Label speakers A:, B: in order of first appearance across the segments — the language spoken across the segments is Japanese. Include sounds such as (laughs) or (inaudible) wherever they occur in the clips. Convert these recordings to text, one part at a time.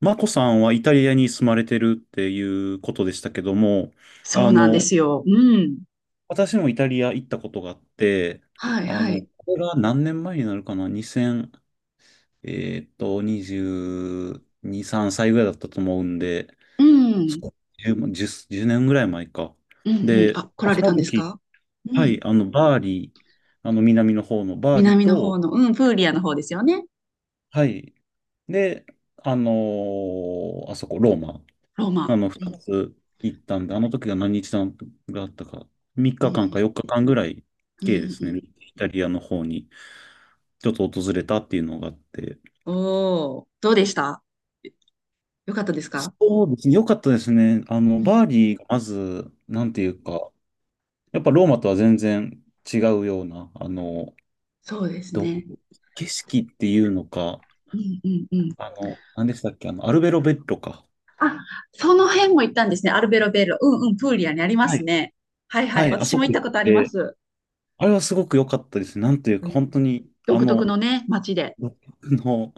A: マコさんはイタリアに住まれてるっていうことでしたけども、
B: そ
A: あ
B: うなんで
A: の、
B: すよ。うん。
A: 私もイタリア行ったことがあって、
B: はいはい。
A: これが何年前になるかな、2000、22、3歳ぐらいだったと思うんで、
B: うん。
A: そう10年ぐらい前か。
B: うんうん。
A: で、
B: あ、来ら
A: そ
B: れた
A: の
B: んです
A: 時、
B: か？う
A: は
B: ん。
A: い、バーリー、南の方のバーリー
B: 南の方
A: と、
B: の、うん、プーリアの方ですよね。
A: はい、で、あそこ、ローマ。
B: ローマ。
A: 二
B: うん。
A: つ行ったんで、あの時が何日間があったか、3
B: うんう
A: 日間か
B: ん。
A: 4日間ぐらい、
B: うんうん
A: 計です
B: う
A: ね、
B: ん。
A: イタリアの方にちょっと訪れたっていうのがあって、
B: おお、どうでした？よかったですか？
A: そうですね、良かったですね。
B: うん。
A: バーリーがまず、
B: う
A: な
B: んう
A: んて
B: ん。
A: いうか、やっぱローマとは全然違うような、
B: そうです
A: どう
B: ね。
A: 景色っていうのか、
B: うんうんうん。
A: 何でしたっけ、アルベロベッロか。
B: あ、その辺も行ったんですね。アルベロベール。うんうん。プーリアにありま
A: は
B: す
A: い。
B: ね。はい
A: は
B: はい。
A: い、あ
B: 私
A: そ
B: も行
A: こ
B: った
A: 行
B: こ
A: っ
B: とありま
A: て、
B: す。
A: あれはすごく良かったですね。なんていう
B: う
A: か、本当
B: ん、
A: に、
B: 独特のね、街で。
A: 独特の、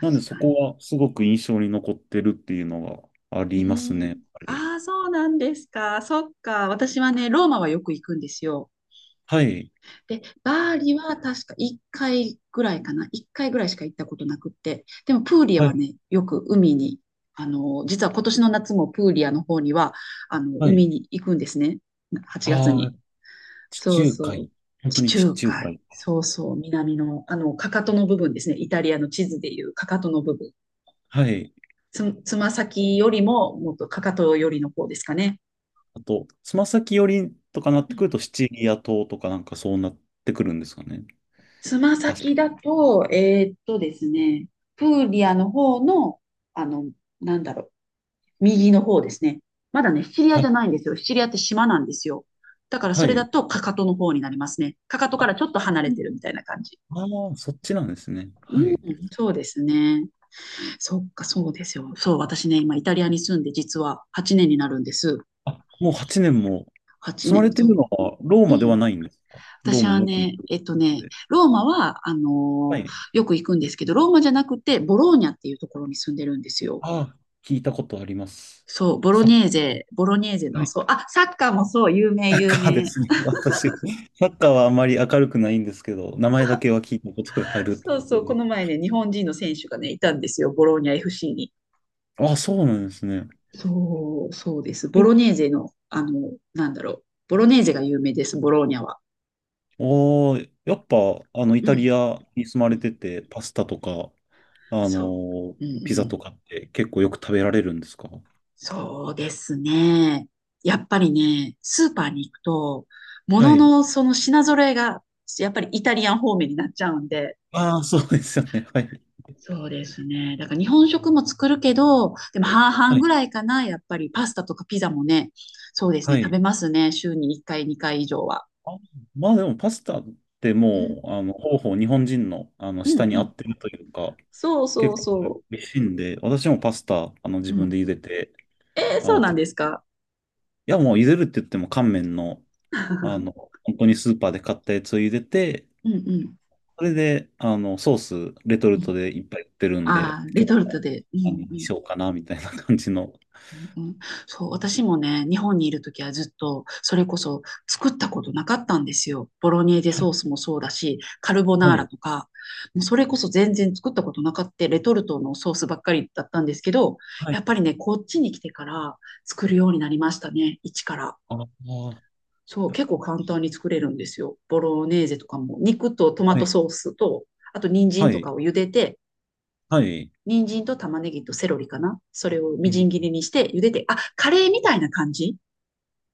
A: なんでそ
B: か
A: こ
B: に。
A: はすごく印象に残ってるっていうのがあ
B: うー
A: りますね、やっ
B: ん。
A: ぱり。
B: ああ、そうなんですか。そっか。私はね、ローマはよく行くんですよ。
A: はい。
B: で、バーリは確か1回ぐらいかな。1回ぐらいしか行ったことなくって。でも、プーリア
A: は
B: は
A: い。
B: ね、よく海に、実は今年の夏もプーリアの方には、
A: は
B: 海
A: い。
B: に行くんですね。8月
A: あ
B: に。
A: あ、地
B: そう
A: 中
B: そう。
A: 海。本当
B: 地
A: に地
B: 中
A: 中
B: 海。
A: 海。
B: そうそう。南の、かかとの部分ですね。イタリアの地図でいうかかとの部分。
A: はい。
B: つま先よりも、もっとかかとよりの方ですかね。
A: あと、つま先寄りとかなってくると、シチリア島とかなんかそうなってくるんですかね。
B: つま
A: 確か。
B: 先だと、ですね、プーリアの方の、あの、なんだろう、右の方ですね。まだね、シチリア
A: は
B: じゃ
A: い。
B: ないんですよ。シチリアって島なんですよ。だから
A: は
B: それだ
A: い。
B: とかかとの方になりますね。かかとか
A: あ、
B: らちょっと離れてるみたいな感じ。
A: ああ、そっちなんですね。はい。
B: そうですね。そっか、そうですよ。そう、私ね、今イタリアに住んで実は8年になるんです。
A: あ、もう8年も
B: 8
A: 住まれ
B: 年、
A: て
B: そ
A: る
B: う。
A: のはロー
B: う
A: マでは
B: ん。
A: ないんですか？ロー
B: 私
A: マ
B: は
A: によく行
B: ね、
A: くので。
B: ローマは、
A: はい。
B: よく行くんですけど、ローマじゃなくて、ボローニャっていうところに住んでるんですよ。
A: ああ、聞いたことあります。
B: そう、ボロ
A: は
B: ネーゼ、ボロネーゼの、そう、
A: い、
B: あ、サッカーもそう、有名、
A: サッ
B: 有
A: カーで
B: 名。
A: すね。私、サッカーはあまり明るくないんですけど、名前だけは聞いたことがあるって
B: そ
A: こ
B: うそ
A: と
B: う、こ
A: で。
B: の前ね、日本人の選手がね、いたんですよ、ボローニャ FC に。
A: あ、そうなんですね。
B: そう、そうです。ボ
A: え
B: ロネーゼの、なんだろう、ボロネーゼが有名です、ボローニャは。
A: おー、やっぱ、イ
B: う
A: タリ
B: ん、
A: アに住ま
B: う
A: れ
B: ん、
A: てて、パスタとか、あの
B: そ
A: ー
B: う、うん、う
A: ピザ
B: ん。
A: とかって結構よく食べられるんですか？
B: そうですね。やっぱりね、スーパーに行くと、も
A: は
B: の
A: い。
B: のその品揃えが、やっぱりイタリアン方面になっちゃうんで、
A: ああ、そうですよね。はい。
B: そうですね。だから日本食も作るけど、でも半々
A: はい。
B: ぐらいかな、やっぱりパスタとかピザもね、そうです
A: は
B: ね、食べ
A: い。
B: ますね、週に1回、2回以上は。
A: あ、まあでも、パスタって
B: うん、
A: もう、ほぼほぼ日本人の、
B: う
A: 舌
B: ん、
A: に
B: う
A: 合っ
B: ん。
A: てるというか、
B: そうそ
A: 結
B: う
A: 構
B: そ
A: 美味しいんで、私もパスタ、自
B: う。う
A: 分で
B: ん。
A: 茹でて、
B: えー、そうなん
A: い
B: ですか？
A: や、もう茹でるって言っても乾麺の、あの、
B: (laughs)
A: 本当にスーパーで買ったやつを茹でて、
B: うん、うん。
A: それで、ソース、レトルトでいっぱい売ってるんで、
B: ああー、レ
A: 今
B: ト
A: 日
B: ルト
A: は、
B: で。うん、う
A: に
B: ん。
A: しようかな、みたいな感じの。
B: うんうん、そう、私もね、日本にいるときはずっと、それこそ作ったことなかったんですよ。ボロネーゼ
A: はい、
B: ソースもそうだし、カルボナー
A: は
B: ラ
A: い、
B: とか、もうそれこそ全然作ったことなかった、レトルトのソースばっかりだったんですけど、
A: は
B: や
A: い、
B: っぱりね、こっちに来てから作るようになりましたね、一から。
A: ああ、
B: そう、結構簡単に作れるんですよ。ボロネーゼとかも、肉とトマ
A: は
B: ト
A: い、
B: ソースと、あと人参
A: は
B: とか
A: い、
B: を茹でて、
A: はい。
B: 人参と玉ねぎとセロリかな。それをみじん切りにして茹でて、あ、カレーみたいな感じ。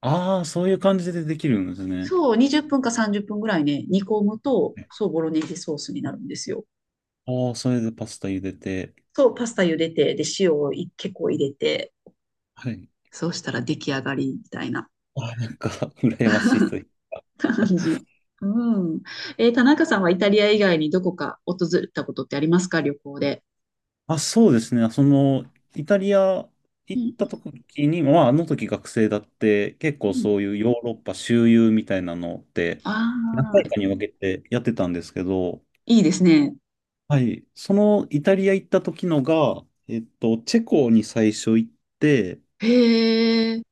A: ああー、そういう感じでできるんですね。
B: そう、20分か30分ぐらいね、煮込むと、そう、ボロネーゼソースになるんですよ。
A: ああ、それでパスタ茹でて、
B: そう、パスタ茹でて、で、塩をい結構入れて、
A: はい。
B: そうしたら出来上がりみたいな
A: ああ、なんか、(laughs) 羨ましいという。
B: (laughs) 感じ。うん。田中さんはイタリア以外にどこか訪れたことってありますか、旅行で？
A: あ、そうですね。その、イタリア
B: う
A: 行っ
B: ん
A: た時に、まあ、あの時学生だって、結
B: う
A: 構
B: んう
A: そ
B: ん。
A: ういうヨーロッパ周遊みたいなのって、
B: あ
A: 何回
B: あ、
A: かに分けてやってたんですけど、
B: いいですね。
A: はい。そのイタリア行った時のが、チェコに最初行って、
B: へえ。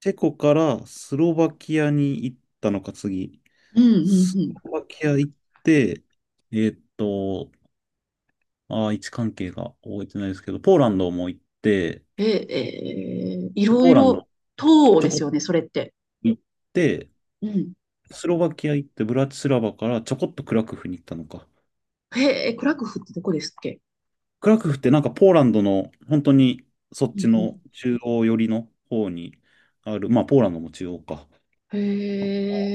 A: チェコからスロバキアに行ったのか、次。
B: うんうん
A: ス
B: うん。
A: ロバキア行って、えっと、位置関係が覚えてないですけど、ポーランドも行って、
B: え、いろ
A: ポ
B: い
A: ーラン
B: ろ、
A: ド、
B: 東欧
A: ちょ
B: です
A: こ
B: よね、それって。
A: 行って、
B: うん。
A: スロバキア行って、ブラチスラバからちょこっとクラクフに行ったのか。
B: へえ、クラクフってどこですっけ？
A: クラクフってなんかポーランドの本当にそっ
B: うん
A: ち
B: うん。
A: の中央寄りの方にある、まあポーランドも中央か。
B: へ
A: あっ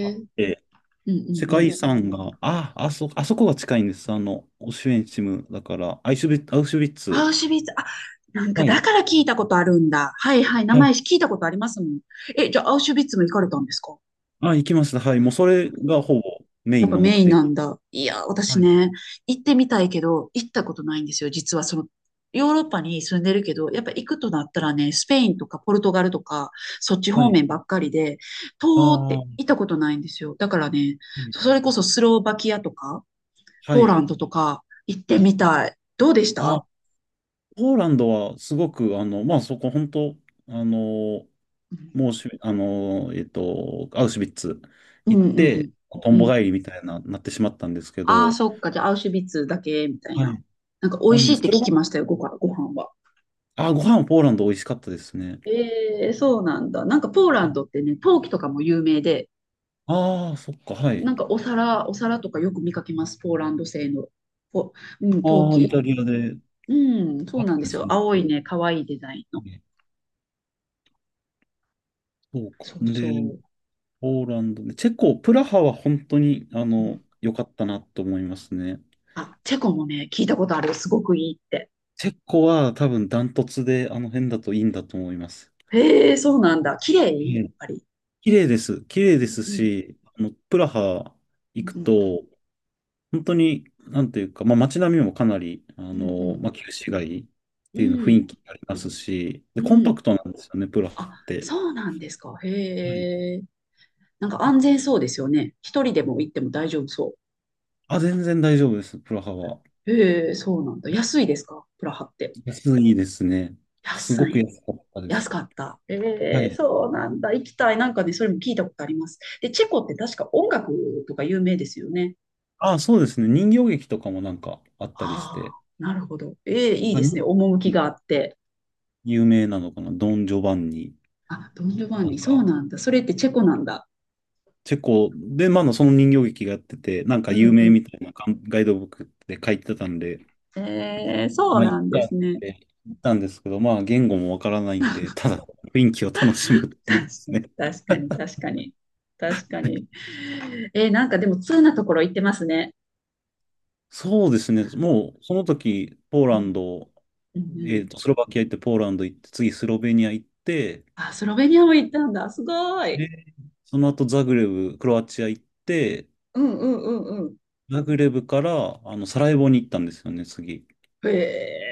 B: え。うん
A: て
B: う
A: 世
B: んう
A: 界遺
B: ん。
A: 産が、あ、あそ、あそこが近いんです。オシュエンチムだから、アウシュビッ
B: ア
A: ツ。
B: ウシュビッツ、あ、なんか
A: は
B: だ
A: い。
B: から聞いたことあるんだ。はいはい、名
A: は
B: 前
A: い。
B: 聞いたことありますもん。え、じゃあアウシュビッツも行かれたんですか？
A: あ、行きました。はい。もうそれがほぼメ
B: や
A: イ
B: っ
A: ン
B: ぱ
A: の目
B: メインな
A: 的。
B: んだ。いや、私
A: はい。
B: ね、行ってみたいけど、行ったことないんですよ。実はその、ヨーロッパに住んでるけど、やっぱ行くとなったらね、スペインとかポルトガルとか、そっち
A: は
B: 方
A: い。
B: 面ばっかりで、
A: あ
B: 東欧っ
A: あ、
B: て
A: は
B: 行ったことないんですよ。だからね、そ
A: い。
B: れこそスロバキアとか、
A: は
B: ポーラ
A: い。
B: ンドとか行ってみたい。どうでした？
A: ポーランドはすごく、まあ、そこ本当、あの、もうし、あの、えっと、アウシュビッツ
B: うん
A: 行っ
B: うんう
A: て、
B: ん。
A: ト
B: う
A: ンボ
B: ん。
A: 帰りみたいな、なってしまったんですけ
B: ああ、
A: ど、
B: そっか。じゃあ、アウシュビッツだけ、みたい
A: は
B: な。
A: い。
B: なんか、美
A: な
B: 味
A: ん
B: し
A: で
B: いっ
A: す、
B: て
A: そ
B: 聞
A: れが、
B: きましたよ、ご飯は。
A: あ、ご飯はポーランド美味しかったですね。
B: ええ、そうなんだ。なんか、ポーランドってね、陶器とかも有名で、
A: ああ、そっか、はい。
B: なんか、お皿とかよく見かけます。ポーランド製の、ぽうん、陶
A: ああ、イ
B: 器。
A: タリアで、
B: うん、そ
A: あっ
B: うなんで
A: たんで
B: す
A: す
B: よ。
A: ね。
B: 青いね、可愛いデザインの。
A: そうか。
B: そうそ
A: で、
B: う。
A: ポーランドで、チェコ、プラハは本当に、
B: うん、
A: 良かったなと思いますね。
B: あ、チェコもね、聞いたことあるよ。すごくいいって。
A: チェコは多分ダントツで、あの辺だといいんだと思います。
B: へえ、そうなんだ。綺麗やっぱり。
A: 綺麗です。綺麗
B: う
A: で
B: ん
A: す
B: うん。
A: し、プラハ行く
B: うんうん。
A: と、本当に、なんていうか、まあ、街並みもかなり、
B: うん
A: まあ、旧市街っ
B: う
A: ていうの雰囲
B: ん。
A: 気ありますし、で、
B: うん。う
A: コンパク
B: ん。
A: トなんですよね、プラハっ
B: あ、
A: て。
B: そうなんですか。
A: はい。
B: へえ。なんか安全そうですよね。一人でも行っても大丈夫そ
A: あ、全然大丈夫です、プラハは。
B: う。へえ、そうなんだ。安いですか、プラハって？
A: 安いですね。すご
B: 安
A: く
B: い。
A: 安かったで
B: 安
A: す。
B: かった。
A: は
B: ええ、
A: い。
B: そうなんだ。行きたい。なんかね、それも聞いたことあります。で、チェコって確か音楽とか有名ですよね。
A: あ、そうですね。人形劇とかもなんかあったりし
B: あ
A: て、
B: あ、なるほど。ええ、いい
A: まあ、
B: です
A: 人
B: ね。趣
A: 形劇
B: があって。
A: 有名なのかな、ドン・ジョバンニ、
B: あ、ドン・ジョバン
A: なん
B: ニ、そう
A: か、
B: なんだ。それってチェコなんだ。
A: チェコで、まあ、その人形劇がやってて、なんか
B: う
A: 有
B: んう
A: 名
B: ん。
A: みたいなガンガイドブックで書いてたんで、
B: ええ、そう
A: まあ、
B: な
A: 一
B: んで
A: 回っ
B: すね。
A: て行ったんですけど、まあ、言語もわからないんで、ただ雰囲気を楽しむっていうです
B: 確
A: ね。
B: か確かに、確かに。確かに。なんかでも通なところ行ってますね。
A: そうですね。もう、その時、ポー
B: う
A: ラン
B: ん、
A: ド、
B: うん、うん。
A: スロバキア行って、ポーランド行って、次、スロベニア行って、
B: あ、スロベニアも行ったんだ。すごい。
A: で、その後、ザグレブ、クロアチア行って、
B: うんうんうんうん。
A: ザグレブから、サラエボに行ったんですよね、次。
B: へ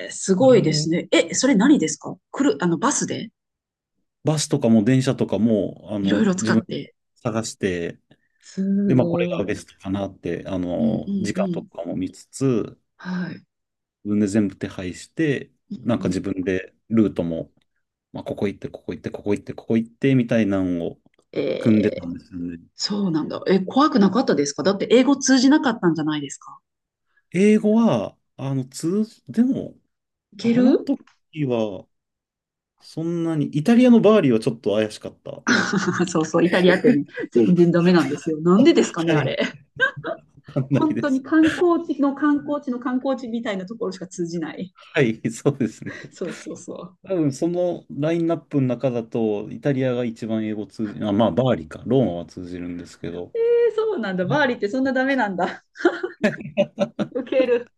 B: え、す
A: サラ
B: ごいです
A: エ
B: ね。え、それ何ですか？来る、バスで？
A: バスとかも電車とかも、
B: いろいろ使
A: 自
B: っ
A: 分で
B: て。
A: 探して、
B: す
A: で、まあ、これ
B: ごい。
A: が
B: う
A: ベ
B: ん
A: ストかなって、
B: うん
A: 時
B: う
A: 間と
B: ん。
A: かも見つつ、
B: はい。
A: 自分で全部手配して、なん
B: う
A: か自
B: ん、
A: 分でルートも、まあ、ここ行って、ここ行って、ここ行って、ここ行って、みたいなのを組んで
B: え
A: た
B: ー、
A: んですよね。
B: そうなんだ。え、怖くなかったですか？だって英語通じなかったんじゃないですか？
A: 英語は、でも、
B: いけ
A: あの
B: る？
A: 時は、そんなに、イタリアのバーリーはちょっと怪しかった。は
B: (laughs) そうそう、イタリアってね、全然ダメなんですよ。なんでですかね、あれ。
A: い、わかんない
B: 本
A: で
B: 当に
A: す。
B: 観光地の観光地の観光地みたいなところしか通じない。
A: はい、そうですね。
B: そうそうそ
A: 多分そのラインナップの中だと、イタリアが一番英語通じる、あ、まあ、バーリか、ローマは通じるんですけど、
B: う。えー、そうなんだ。
A: まあ
B: バーリーってそんなダメなんだ。ウケる。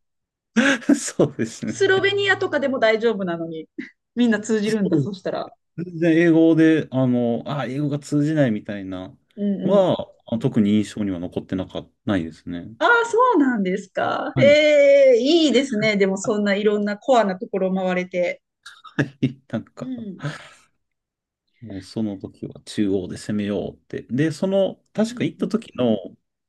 A: (laughs) そうですね。
B: スロベニアとかでも大丈夫なのに、(laughs) みんな通じ
A: そ
B: るんだ、
A: う
B: そしたら。
A: 全然英語で、あ、英語が通じないみたいな、
B: うんうん。
A: は、あ、特に印象には残ってなか、ないですね。
B: ああ、そうなんですか。
A: はい。
B: えー、いいですね。でも、そ
A: は
B: んないろんなコアなところを回れて。
A: い、(laughs) なん
B: う
A: か、
B: ん。
A: もうその時は中央で攻めようって。で、その、
B: う
A: 確か
B: ん
A: 行っ
B: う
A: た
B: ん。
A: 時の、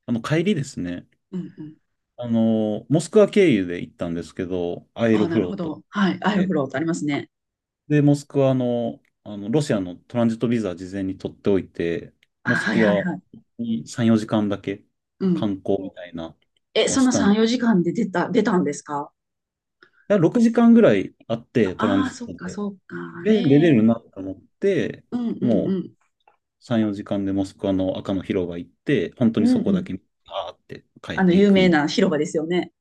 A: 帰りですね。
B: うんうん。
A: モスクワ経由で行ったんですけど、アエ
B: あ
A: ロ
B: あ、な
A: フ
B: る
A: ロ
B: ほ
A: ートっ
B: ど。はい。アイロフ
A: て。
B: ロートありますね。
A: で、モスクワの、ロシアのトランジットビザ事前に取っておいて、
B: あ、
A: モス
B: はい
A: ク
B: はい
A: ワ
B: はい。
A: に3、4時間だけ
B: うん。
A: 観光みたいな
B: え、
A: は
B: そ
A: し
B: の
A: たん
B: 3、
A: だ。
B: 4時間で出たんですか？
A: だ6時間ぐらいあって、トラン
B: ああー、
A: ジッ
B: そっ
A: ト
B: か、
A: で。
B: そっか。
A: で、出れ
B: え
A: る
B: え。
A: なと思って、
B: うんうん
A: もう
B: うん。
A: 3、4時間でモスクワの赤の広場行って、本当
B: う
A: にそ
B: んう
A: こだ
B: ん。
A: け、パーって帰ってい
B: 有
A: く
B: 名
A: みた
B: な
A: い
B: 広場ですよね。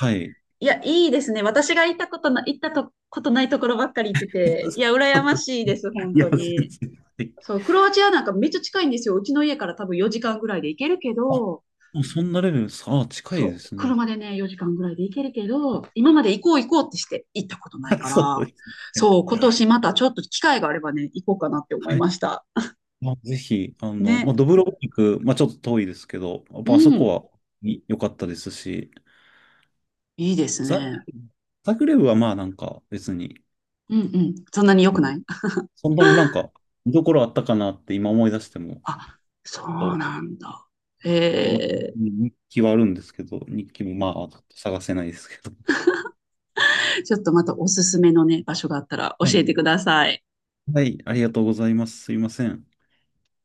A: な。はい。
B: いや、いいですね。私が行ったとことないところばっかり行ってて、いや、羨ましいです、
A: (laughs)
B: 本
A: いや、
B: 当
A: 全
B: に。
A: 然。
B: そう、クロアチアなんかめっちゃ近いんですよ。うちの家から多分4時間ぐらいで行けるけ
A: あ、
B: ど、
A: もうそんなレベル、さあ、近いで
B: そう、
A: すね。
B: 車でね、4時間ぐらいで行けるけど、今まで行こう行こうってして行ったことない
A: (laughs)
B: か
A: そ
B: ら、
A: うですね。
B: そう、今年またちょっと機会があればね、行こうかなって思い
A: はい、
B: ました。
A: まあ、ぜひ、ま
B: ね。
A: あ、ドブロブニク、まあ、ちょっと遠いですけど、やっ
B: う
A: ぱあそこ
B: ん。
A: 良かったですし、
B: いいです
A: ザ、
B: ね。
A: ザグレブはまあなんか別に、
B: うんうん。そんなに良
A: う
B: く
A: ん、
B: ない？
A: そんなになんか見どころあったかなって今思い出しても、
B: あ、そう
A: と
B: なんだ。
A: 今、
B: え
A: 日記はあるんですけど、日記もまあちょっと探せないですけど。
B: ちょっとまたおすすめのね、場所があったら
A: は
B: 教え
A: い。
B: てください。
A: はい、ありがとうございます。すいません。